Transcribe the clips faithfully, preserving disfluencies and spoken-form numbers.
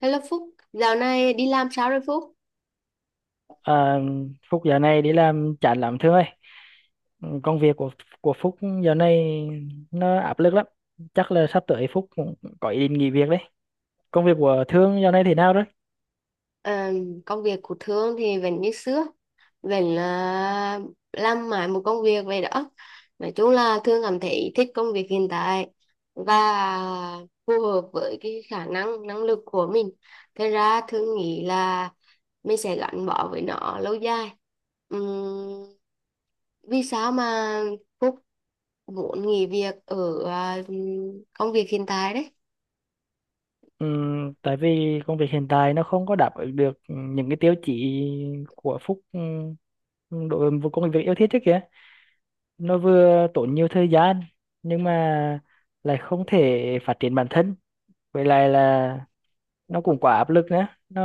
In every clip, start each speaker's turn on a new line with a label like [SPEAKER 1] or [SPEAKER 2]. [SPEAKER 1] Hello Phúc, dạo này đi làm sao rồi Phúc?
[SPEAKER 2] À, Phúc giờ này đi làm chán lắm Thương ơi. Ừ, Công việc của của Phúc giờ này nó áp lực lắm. Chắc là sắp tới Phúc cũng có ý định nghỉ việc đấy. Công việc của Thương giờ này thế nào đấy?
[SPEAKER 1] Ờ, công việc của Thương thì vẫn như xưa, vẫn là làm mãi một công việc vậy đó. Nói chung là Thương cảm thấy thích công việc hiện tại và phù hợp với cái khả năng, năng lực của mình. Thế ra Thương nghĩ là mình sẽ gắn bó với nó lâu dài. Ừm, Vì sao mà Phúc muốn nghỉ việc ở à, công việc hiện tại đấy?
[SPEAKER 2] Ừ, Tại vì công việc hiện tại nó không có đáp ứng được những cái tiêu chí của Phúc ừ, đối với công việc yêu thích trước kìa. Nó vừa tốn nhiều thời gian nhưng mà lại không thể phát triển bản thân. Vậy lại là nó cũng quá áp lực nữa. Nó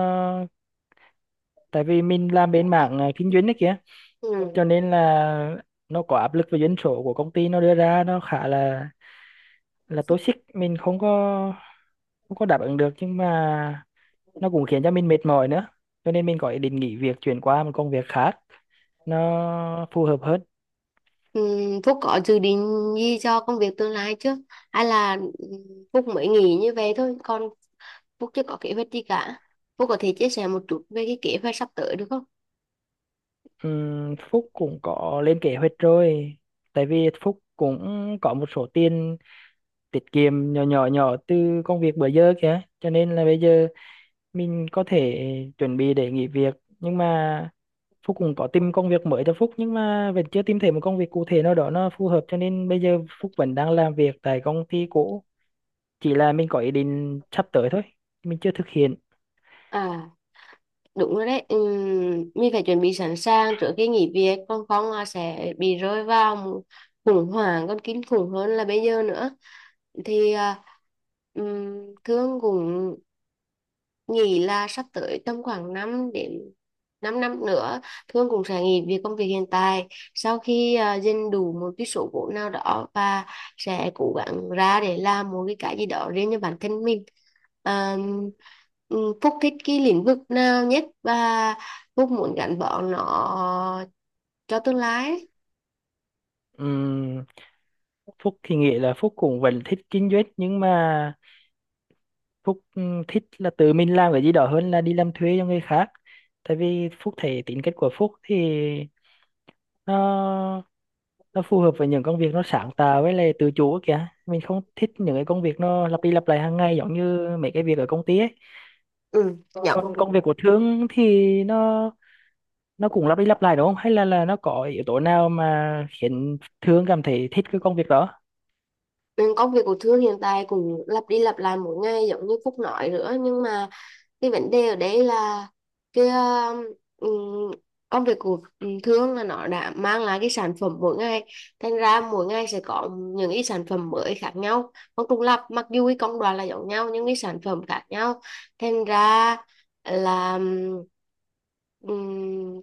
[SPEAKER 2] tại vì mình làm bên mảng à, kinh doanh đấy kìa,
[SPEAKER 1] Ừ.
[SPEAKER 2] cho nên là nó có áp lực về doanh số của công ty nó đưa ra, nó khá là là toxic, mình không có không có đáp ứng được, nhưng mà nó cũng khiến cho mình mệt mỏi nữa, cho nên mình có ý định nghỉ việc chuyển qua một công việc khác nó phù hợp hơn.
[SPEAKER 1] Ừm, Phúc có dự định gì cho công việc tương lai chưa? Hay là ừm, Phúc mới nghĩ như vậy thôi, còn Phúc chưa có kế hoạch gì cả. Phúc có thể chia sẻ một chút về cái kế hoạch sắp tới được không?
[SPEAKER 2] Ừm, Phúc cũng có lên kế hoạch rồi, tại vì Phúc cũng có một số tiền tiết kiệm nhỏ nhỏ nhỏ từ công việc bữa giờ kìa, cho nên là bây giờ mình có thể chuẩn bị để nghỉ việc. Nhưng mà Phúc cũng có tìm công việc mới cho Phúc, nhưng mà vẫn chưa tìm thấy một công việc cụ thể nào đó nó phù hợp, cho nên bây giờ Phúc vẫn đang làm việc tại công ty cũ, chỉ là mình có ý định sắp tới thôi, mình chưa thực hiện.
[SPEAKER 1] À, đúng rồi đấy. Ừm, mình phải chuẩn bị sẵn sàng trước khi nghỉ việc, còn không là sẽ bị rơi vào một khủng hoảng còn kinh khủng hơn là bây giờ nữa. Thì à, ừm, Thương cũng nghĩ là sắp tới tầm khoảng năm đến 5 năm nữa Thương cũng sẽ nghỉ việc công việc hiện tại sau khi uh, dành đủ một cái số vốn nào đó và sẽ cố gắng ra để làm một cái cái gì đó riêng cho bản thân mình. Ờ, ừm, Phúc thích cái lĩnh vực nào nhất và Phúc muốn gắn bó nó cho tương lai ấy?
[SPEAKER 2] Ừm, Phúc thì nghĩ là Phúc cũng vẫn thích kinh doanh, nhưng mà Phúc ừm, thích là tự mình làm cái gì đó hơn là đi làm thuê cho người khác. Tại vì Phúc thấy tính cách của Phúc thì nó nó phù hợp với những công việc nó sáng tạo với lại tự chủ kìa, mình không thích những cái công việc nó lặp đi lặp lại hàng ngày giống như mấy cái việc ở công ty ấy.
[SPEAKER 1] Ừ, dạ.
[SPEAKER 2] Còn công việc của Thương thì nó nó cũng lặp đi lặp lại đúng không, hay là là nó có yếu tố nào mà khiến Thương cảm thấy thích cái công việc đó?
[SPEAKER 1] Ừ, công việc của Thương hiện tại cũng lặp đi lặp lại mỗi ngày giống như Phúc nói nữa, nhưng mà cái vấn đề ở đấy là cái um, công việc của thương là nó đã mang lại cái sản phẩm mỗi ngày, thành ra mỗi ngày sẽ có những cái sản phẩm mới khác nhau không trùng lặp, mặc dù cái công đoạn là giống nhau nhưng cái sản phẩm khác nhau. Thành ra là um,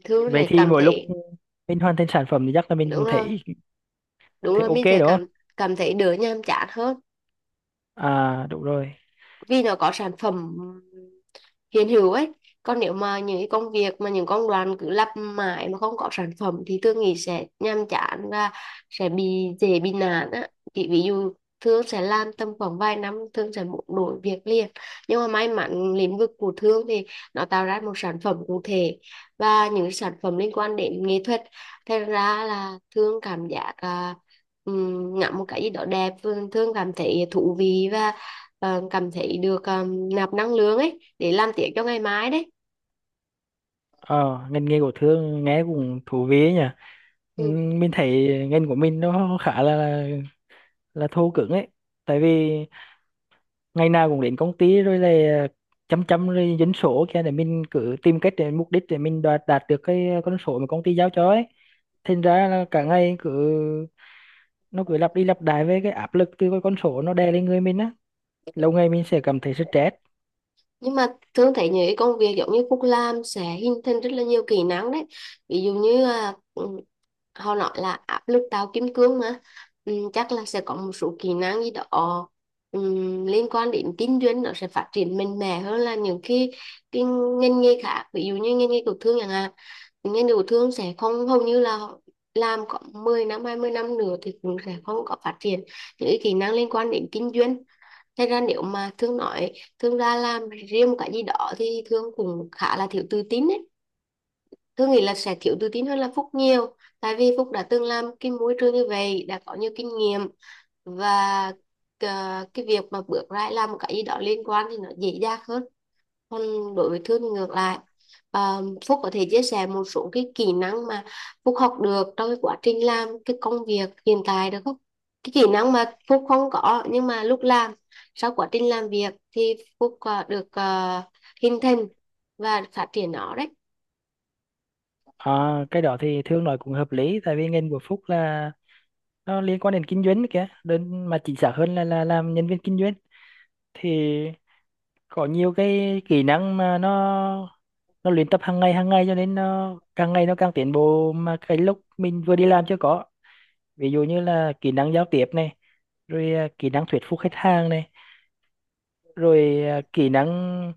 [SPEAKER 1] Thương
[SPEAKER 2] Vậy
[SPEAKER 1] sẽ
[SPEAKER 2] thì
[SPEAKER 1] cảm
[SPEAKER 2] mỗi lúc
[SPEAKER 1] thấy
[SPEAKER 2] mình hoàn thành sản phẩm thì chắc là mình
[SPEAKER 1] đúng
[SPEAKER 2] cũng
[SPEAKER 1] rồi,
[SPEAKER 2] thấy
[SPEAKER 1] đúng
[SPEAKER 2] thấy
[SPEAKER 1] rồi
[SPEAKER 2] ok
[SPEAKER 1] mình sẽ
[SPEAKER 2] đúng không?
[SPEAKER 1] cảm cảm thấy đỡ nhàm chán hơn
[SPEAKER 2] À đúng rồi.
[SPEAKER 1] vì nó có sản phẩm hiện hữu ấy. Còn nếu mà những cái công việc mà những công đoạn cứ lặp mãi mà không có sản phẩm thì tôi nghĩ sẽ nhàm chán và sẽ bị dễ bị nản á. Thì ví dụ Thương sẽ làm tầm khoảng vài năm Thương sẽ muốn đổi việc liền, nhưng mà may mắn lĩnh vực của Thương thì nó tạo ra một sản phẩm cụ thể và những sản phẩm liên quan đến nghệ thuật, thành ra là Thương cảm giác uh, ngắm một cái gì đó đẹp Thương cảm thấy thú vị và ờ, cảm thấy được ờ, nạp năng lượng ấy để làm tiếp cho ngày mai đấy.
[SPEAKER 2] Ờ ngành nghề của Thương nghe cũng thú vị ấy nhỉ.
[SPEAKER 1] Ừ.
[SPEAKER 2] Ừm, mình thấy ngành của mình nó khá là là thô cứng ấy. Tại vì ngày nào cũng đến công ty rồi là chấm chấm rồi dân số kia để mình cứ tìm cách để mục đích để mình đạt đạt được cái con số mà công ty giao cho ấy. Thành ra là cả ngày cứ nó cứ lặp đi lặp lại với cái áp lực từ cái con số nó đè lên người mình á, lâu ngày mình sẽ cảm thấy stress.
[SPEAKER 1] Nhưng mà thường thấy những cái công việc giống như Phúc làm sẽ hình thành rất là nhiều kỹ năng đấy, ví dụ như à, ừ, họ nói là áp lực tạo kim cương mà. Ừ, chắc là sẽ có một số kỹ năng gì đó ừ, liên quan đến kinh doanh nó sẽ phát triển mạnh mẽ hơn là những cái cái ngành nghề khác, ví dụ như ngành nghề tiểu thương chẳng hạn. Ngành tiểu thương sẽ không, hầu như là làm có mười năm hai mươi năm nữa thì cũng sẽ không có phát triển những cái kỹ năng liên quan đến kinh doanh. Thế ra nếu mà Thương nói Thương ra làm riêng một cái gì đó thì Thương cũng khá là thiếu tự tin ấy. Thương nghĩ là sẽ thiếu tự tin hơn là Phúc nhiều. Tại vì Phúc đã từng làm cái môi trường như vậy, đã có nhiều kinh nghiệm và ờ, cái việc mà bước ra làm một cái gì đó liên quan thì nó dễ dàng hơn, còn đối với Thương thì ngược lại. à, Phúc có thể chia sẻ một số cái kỹ năng mà Phúc học được trong cái quá trình làm cái công việc hiện tại được không? Cái kỹ năng mà Phúc không có nhưng mà lúc làm sau quá trình làm việc thì Phúc à, được à, hình thành và phát triển nó đấy.
[SPEAKER 2] À, cái đó thì Thương nói cũng hợp lý. Tại vì ngành của Phúc là nó liên quan đến kinh doanh đấy kìa, đơn mà chính xác hơn là là làm nhân viên kinh doanh. Thì có nhiều cái kỹ năng mà nó nó luyện tập hàng ngày hàng ngày, cho nên nó càng ngày nó càng tiến bộ mà cái lúc mình vừa đi làm chưa có. Ví dụ như là kỹ năng giao tiếp này, rồi à, kỹ năng thuyết phục khách hàng này, rồi à, kỹ năng,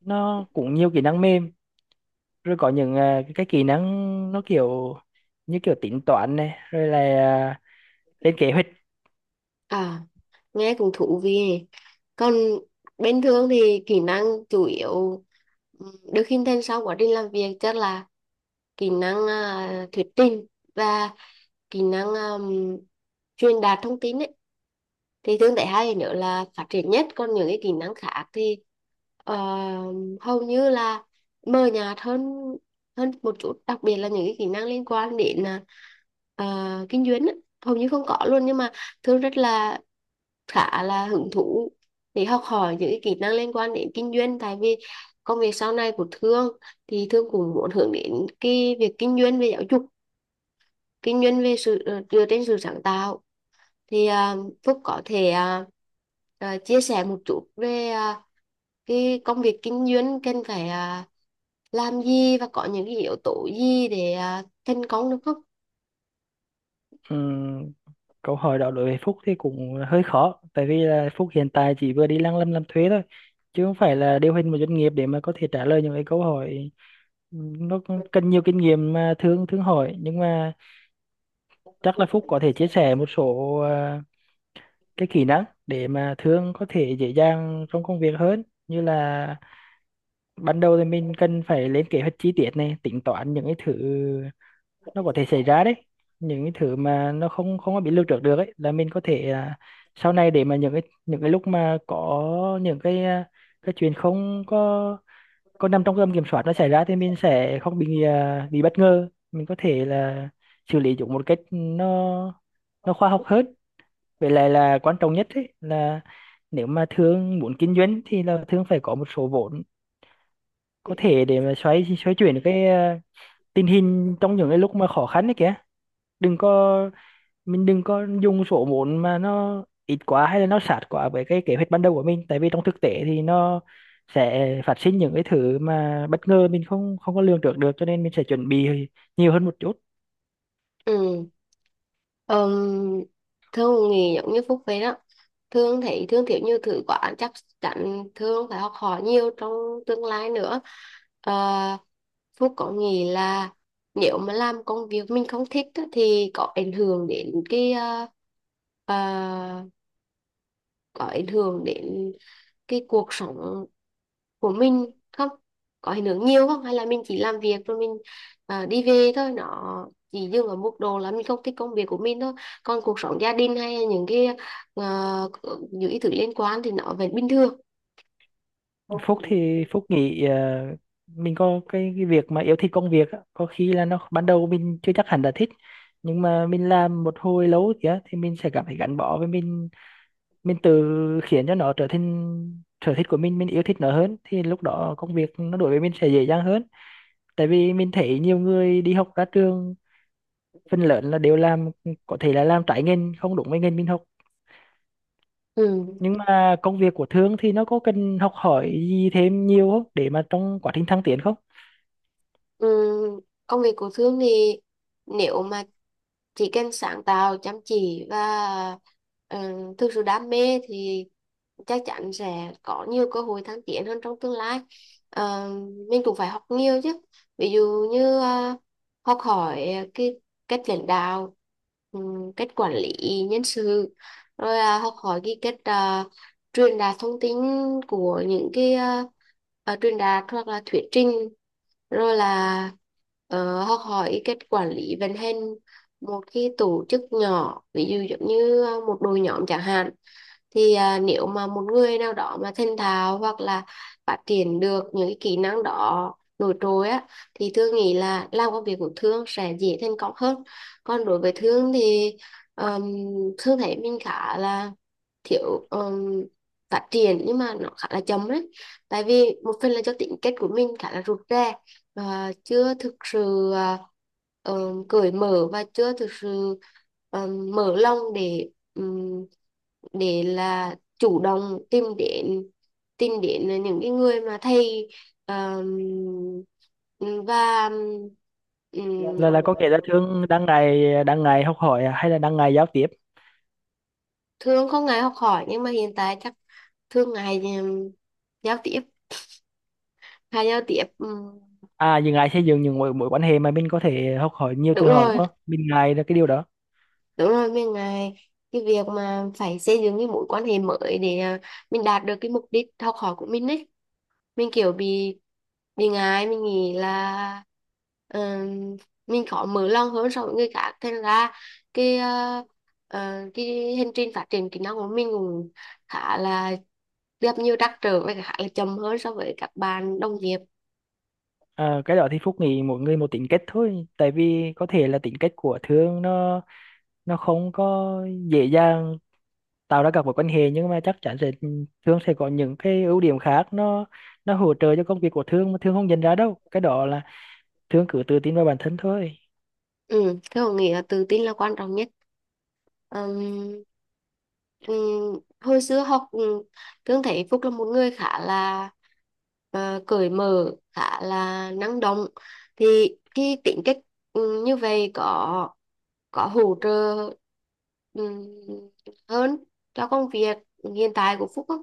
[SPEAKER 2] nó cũng nhiều kỹ năng mềm, rồi có những à, cái kỹ năng nó kiểu như kiểu tính toán này, rồi là à, lên kế hoạch.
[SPEAKER 1] À, nghe cũng thú vị nhỉ. Còn bên Thương thì kỹ năng chủ yếu ừ, được hình thành sau quá trình làm việc chắc là kỹ năng à, thuyết trình và kỹ năng um, truyền đạt thông tin ấy. Thì Thương thấy hai nữa là phát triển nhất, còn những cái kỹ năng khác thì ờ, hầu như là mờ nhạt hơn hơn một chút, đặc biệt là những cái kỹ năng liên quan đến à, ờ, kinh doanh ấy. Hầu như không có luôn, nhưng mà Thương rất là khá là hứng thú để học hỏi những cái kỹ năng liên quan đến kinh doanh. Tại vì công việc sau này của Thương thì Thương cũng muốn hướng đến cái việc kinh doanh về giáo dục, kinh doanh về sự ờ, dựa trên sự sáng tạo. Thì à, Phúc có thể à, à, chia sẻ một chút về à, cái công việc kinh doanh cần phải à, làm gì và có những cái yếu tố gì để à, thành công được không?
[SPEAKER 2] Ừm, câu hỏi đó đối với Phúc thì cũng hơi khó. Tại vì là Phúc hiện tại chỉ vừa đi lăng lâm làm thuế thôi, chứ không phải là điều hành một doanh nghiệp để mà có thể trả lời những cái câu hỏi ừm, nó cũng cần nhiều kinh nghiệm mà thương thương hỏi. Nhưng mà chắc là Phúc có thể chia sẻ một số à, cái kỹ năng để mà thương có thể dễ dàng trong công việc hơn, như là ban đầu thì mình cần phải lên kế hoạch chi tiết này, tính toán những cái thứ nó có thể xảy ra đấy, những cái thứ mà nó không không có bị lưu trữ được ấy, là mình có thể à, sau này để mà những cái những cái lúc mà có những cái à, cái chuyện không có có nằm trong tầm kiểm soát nó xảy ra, thì mình sẽ không bị à, bị bất ngờ, mình có thể là xử lý chúng một cách nó nó khoa học hơn. Vậy lại là quan trọng nhất ấy là nếu mà thương muốn kinh doanh thì là thương phải có một số vốn có thể để mà xoay xoay chuyển cái à, tình hình trong những cái lúc mà khó khăn đấy kìa. Đừng có, mình đừng có dùng số vốn mà nó ít quá hay là nó sát quá với cái kế hoạch ban đầu của mình. Tại vì trong thực tế thì nó sẽ phát sinh những cái thứ mà bất ngờ mình không không có lường trước được, cho nên mình sẽ chuẩn bị nhiều hơn một chút.
[SPEAKER 1] Ừ. um, Thương thì giống như Phúc vậy đó, thương thì thương kiểu như thử quả chắc chắn thương phải học hỏi nhiều trong tương lai nữa. Ờ, Phúc có nghĩ là nếu mà làm công việc mình không thích á, thì có ảnh hưởng đến cái ờ, ờ, có ảnh hưởng đến cái cuộc sống của mình không? Có ảnh hưởng nhiều không, hay là mình chỉ làm việc rồi mình à, đi về thôi, nó chỉ dừng ở mức độ là mình không thích công việc của mình thôi, còn cuộc sống gia đình hay những cái ờ, những cái thứ liên quan thì nó vẫn bình thường?
[SPEAKER 2] Phúc thì Phúc nghĩ ờ, mình có cái, cái việc mà yêu thích công việc á, có khi là nó ban đầu mình chưa chắc hẳn là thích, nhưng mà mình làm một hồi lâu kìa thì mình sẽ cảm thấy gắn bó với mình mình tự khiến cho nó trở thành sở thích của mình mình yêu thích nó hơn thì lúc đó công việc nó đối với mình sẽ dễ dàng hơn. Tại vì mình thấy nhiều người đi học ra trường phần lớn là đều làm, có thể là làm trái ngành không đúng với ngành mình học.
[SPEAKER 1] Ừ.
[SPEAKER 2] Nhưng mà công việc của Thương thì nó có cần học hỏi gì thêm nhiều không để mà trong quá trình thăng tiến không?
[SPEAKER 1] Ừm, công việc của Thương thì nếu mà chỉ cần sáng tạo, chăm chỉ và uh, thực sự đam mê thì chắc chắn sẽ có nhiều cơ hội thăng tiến hơn trong tương lai. Ờ, mình cũng phải học nhiều chứ, ví dụ như ờ, học hỏi cái cách lãnh đạo, ừm, cách quản lý nhân sự, rồi là học hỏi cái cách ờ, truyền đạt thông tin của những cái ờ, ờ, truyền đạt hoặc là thuyết trình, rồi là ờ, học hỏi ý cách quản lý vận hành một cái tổ chức nhỏ ví dụ giống như ờ, một đội nhóm chẳng hạn. Thì à, nếu mà một người nào đó mà thành thạo hoặc là phát triển được những cái kỹ năng đó nổi trội á thì Thương nghĩ là làm công việc của Thương sẽ dễ thành công hơn. Còn đối với Thương thì um, Thương thấy mình khá là thiếu, um, phát triển nhưng mà nó khá là chậm đấy, tại vì một phần là do tính cách của mình khá là rụt rè và chưa thực sự à, ờ, cởi mở và chưa thực sự ờ, mở lòng để ừm, để là chủ động tìm đến tìm đến những cái người mà thầy ờm, và ừm,
[SPEAKER 2] Là là có kể là Thương đang ngày đang ngày học hỏi à? Hay là đang ngày giao tiếp,
[SPEAKER 1] thương không ngại học hỏi nhưng mà hiện tại chắc thương ngại ừm, giao tiếp, hay giao tiếp ừm,
[SPEAKER 2] à dừng ngày xây dựng những mối mối quan hệ mà mình có thể học hỏi nhiều
[SPEAKER 1] đúng
[SPEAKER 2] từ họ đúng
[SPEAKER 1] rồi.
[SPEAKER 2] không? Mình ngại là cái điều đó.
[SPEAKER 1] Đúng rồi, mình ngại cái việc mà phải xây dựng cái mối quan hệ mới để à, mình đạt được cái mục đích học hỏi của mình ấy. Mình kiểu bị bị ngại mình nghĩ là ừm, mình khó mở lòng hơn so với người khác, thành ra cái à, à, cái hành trình phát triển kỹ năng của mình cũng khá là gặp nhiều trắc trở và khá là chậm hơn so với các bạn đồng nghiệp.
[SPEAKER 2] À, cái đó thì Phúc nghĩ mỗi người một tính cách thôi. Tại vì có thể là tính cách của Thương nó nó không có dễ dàng tạo ra các mối quan hệ, nhưng mà chắc chắn sẽ Thương sẽ có những cái ưu điểm khác nó nó hỗ trợ cho công việc của Thương mà Thương không nhận ra đâu. Cái đó là Thương cứ tự tin vào bản thân thôi.
[SPEAKER 1] Ừ, thế Hồng nghĩ là tự tin là quan trọng nhất. Ừm, ừm, Hồi xưa học, um, Thương thấy Phúc là một người khá là ờ, cởi mở, khá là năng động. Thì khi tính cách ừm, như vậy có có hỗ trợ ừm, hơn cho công việc hiện tại của Phúc không?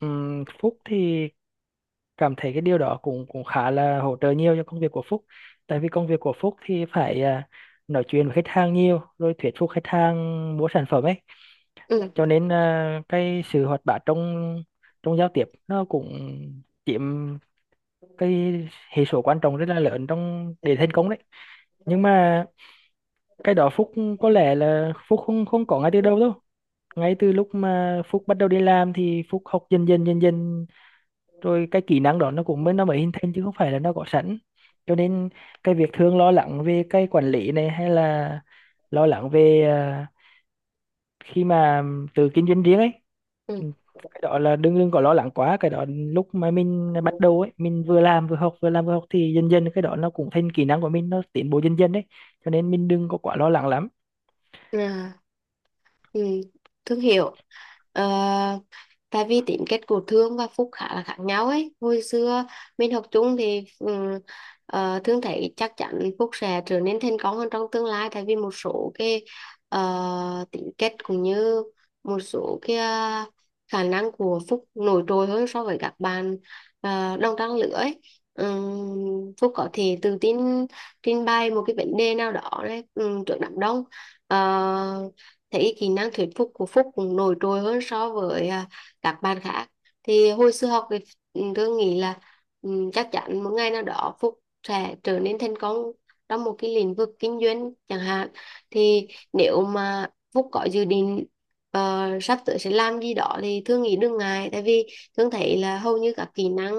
[SPEAKER 2] Ừm, Phúc thì cảm thấy cái điều đó cũng cũng khá là hỗ trợ nhiều cho công việc của Phúc. Tại vì công việc của Phúc thì phải à, nói chuyện với khách hàng nhiều rồi thuyết phục khách hàng mua sản phẩm ấy.
[SPEAKER 1] Ừ.
[SPEAKER 2] Cho nên à, cái sự hoạt bát trong trong giao tiếp nó cũng chiếm cái hệ số quan trọng rất là lớn trong để thành công đấy. Nhưng mà cái đó Phúc có lẽ là Phúc không không có ngay từ đầu đâu. Ngay từ lúc mà Phúc bắt đầu đi làm thì Phúc học dần dần dần dần, rồi cái kỹ năng đó nó cũng mới nó mới hình thành chứ không phải là nó có sẵn. Cho nên cái việc thường lo lắng về cái quản lý này, hay là lo lắng về à, khi mà tự kinh doanh riêng ấy.
[SPEAKER 1] Ừ.
[SPEAKER 2] Ừ. Cái đó là đừng đừng có lo lắng quá. Cái đó lúc mà mình bắt đầu ấy, mình vừa làm vừa học vừa làm vừa học thì dần dần cái đó nó cũng thành kỹ năng của mình, nó tiến bộ dần dần đấy. Cho nên mình đừng có quá lo lắng lắm.
[SPEAKER 1] À, ừ. Thương hiệu. Ờ, tại vì tính cách của Thương và Phúc khá là khác nhau ấy, hồi xưa mình học chung thì ừm, ờ, Thương thấy chắc chắn Phúc sẽ trở nên thành công hơn trong tương lai, tại vì một số cái ờ, tính cách cũng như một số cái ờ, khả năng của Phúc nổi trội hơn so với các bạn ờ, đồng trang lứa ấy. Ừm, Phúc có thể tự tin trình bày một cái vấn đề nào đó đấy, ừm, trước đám đông. Ờ, thấy kỹ năng thuyết phục của Phúc cũng nổi trội hơn so với à, các bạn khác. Thì hồi xưa học thì ừ, tôi nghĩ là ừ, chắc chắn một ngày nào đó Phúc sẽ trở nên thành công trong một cái lĩnh vực kinh doanh chẳng hạn. Thì nếu mà Phúc có dự định ờ, sắp tới sẽ làm gì đó thì thương nghĩ đừng ngại, tại vì thương thấy là hầu như các kỹ năng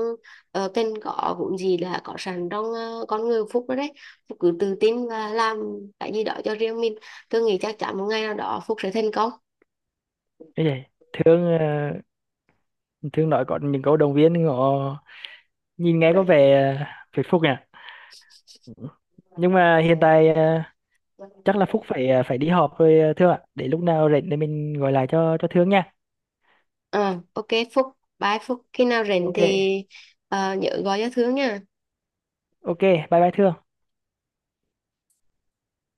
[SPEAKER 1] uh, cần có vốn gì là có sẵn trong ờ, con người Phúc đó đấy. Phúc cứ tự tin và làm cái gì đó cho riêng mình, thương nghĩ chắc chắn một ngày nào đó Phúc sẽ thành
[SPEAKER 2] Thế vậy thường ờ, thường nói có những câu động viên họ nhìn nghe có vẻ ờ, phải phúc nhỉ. Ừ. Nhưng mà hiện tại ờ, chắc là Phúc
[SPEAKER 1] công.
[SPEAKER 2] phải ờ, phải đi họp rồi ờ, Thương ạ, để lúc nào rảnh để mình gọi lại cho cho Thương nha.
[SPEAKER 1] Ờ, ok Phúc, bye Phúc. Khi nào rảnh
[SPEAKER 2] Ok.
[SPEAKER 1] thì ờ, nhớ gọi cho Thương nha.
[SPEAKER 2] Ok, bye bye Thương.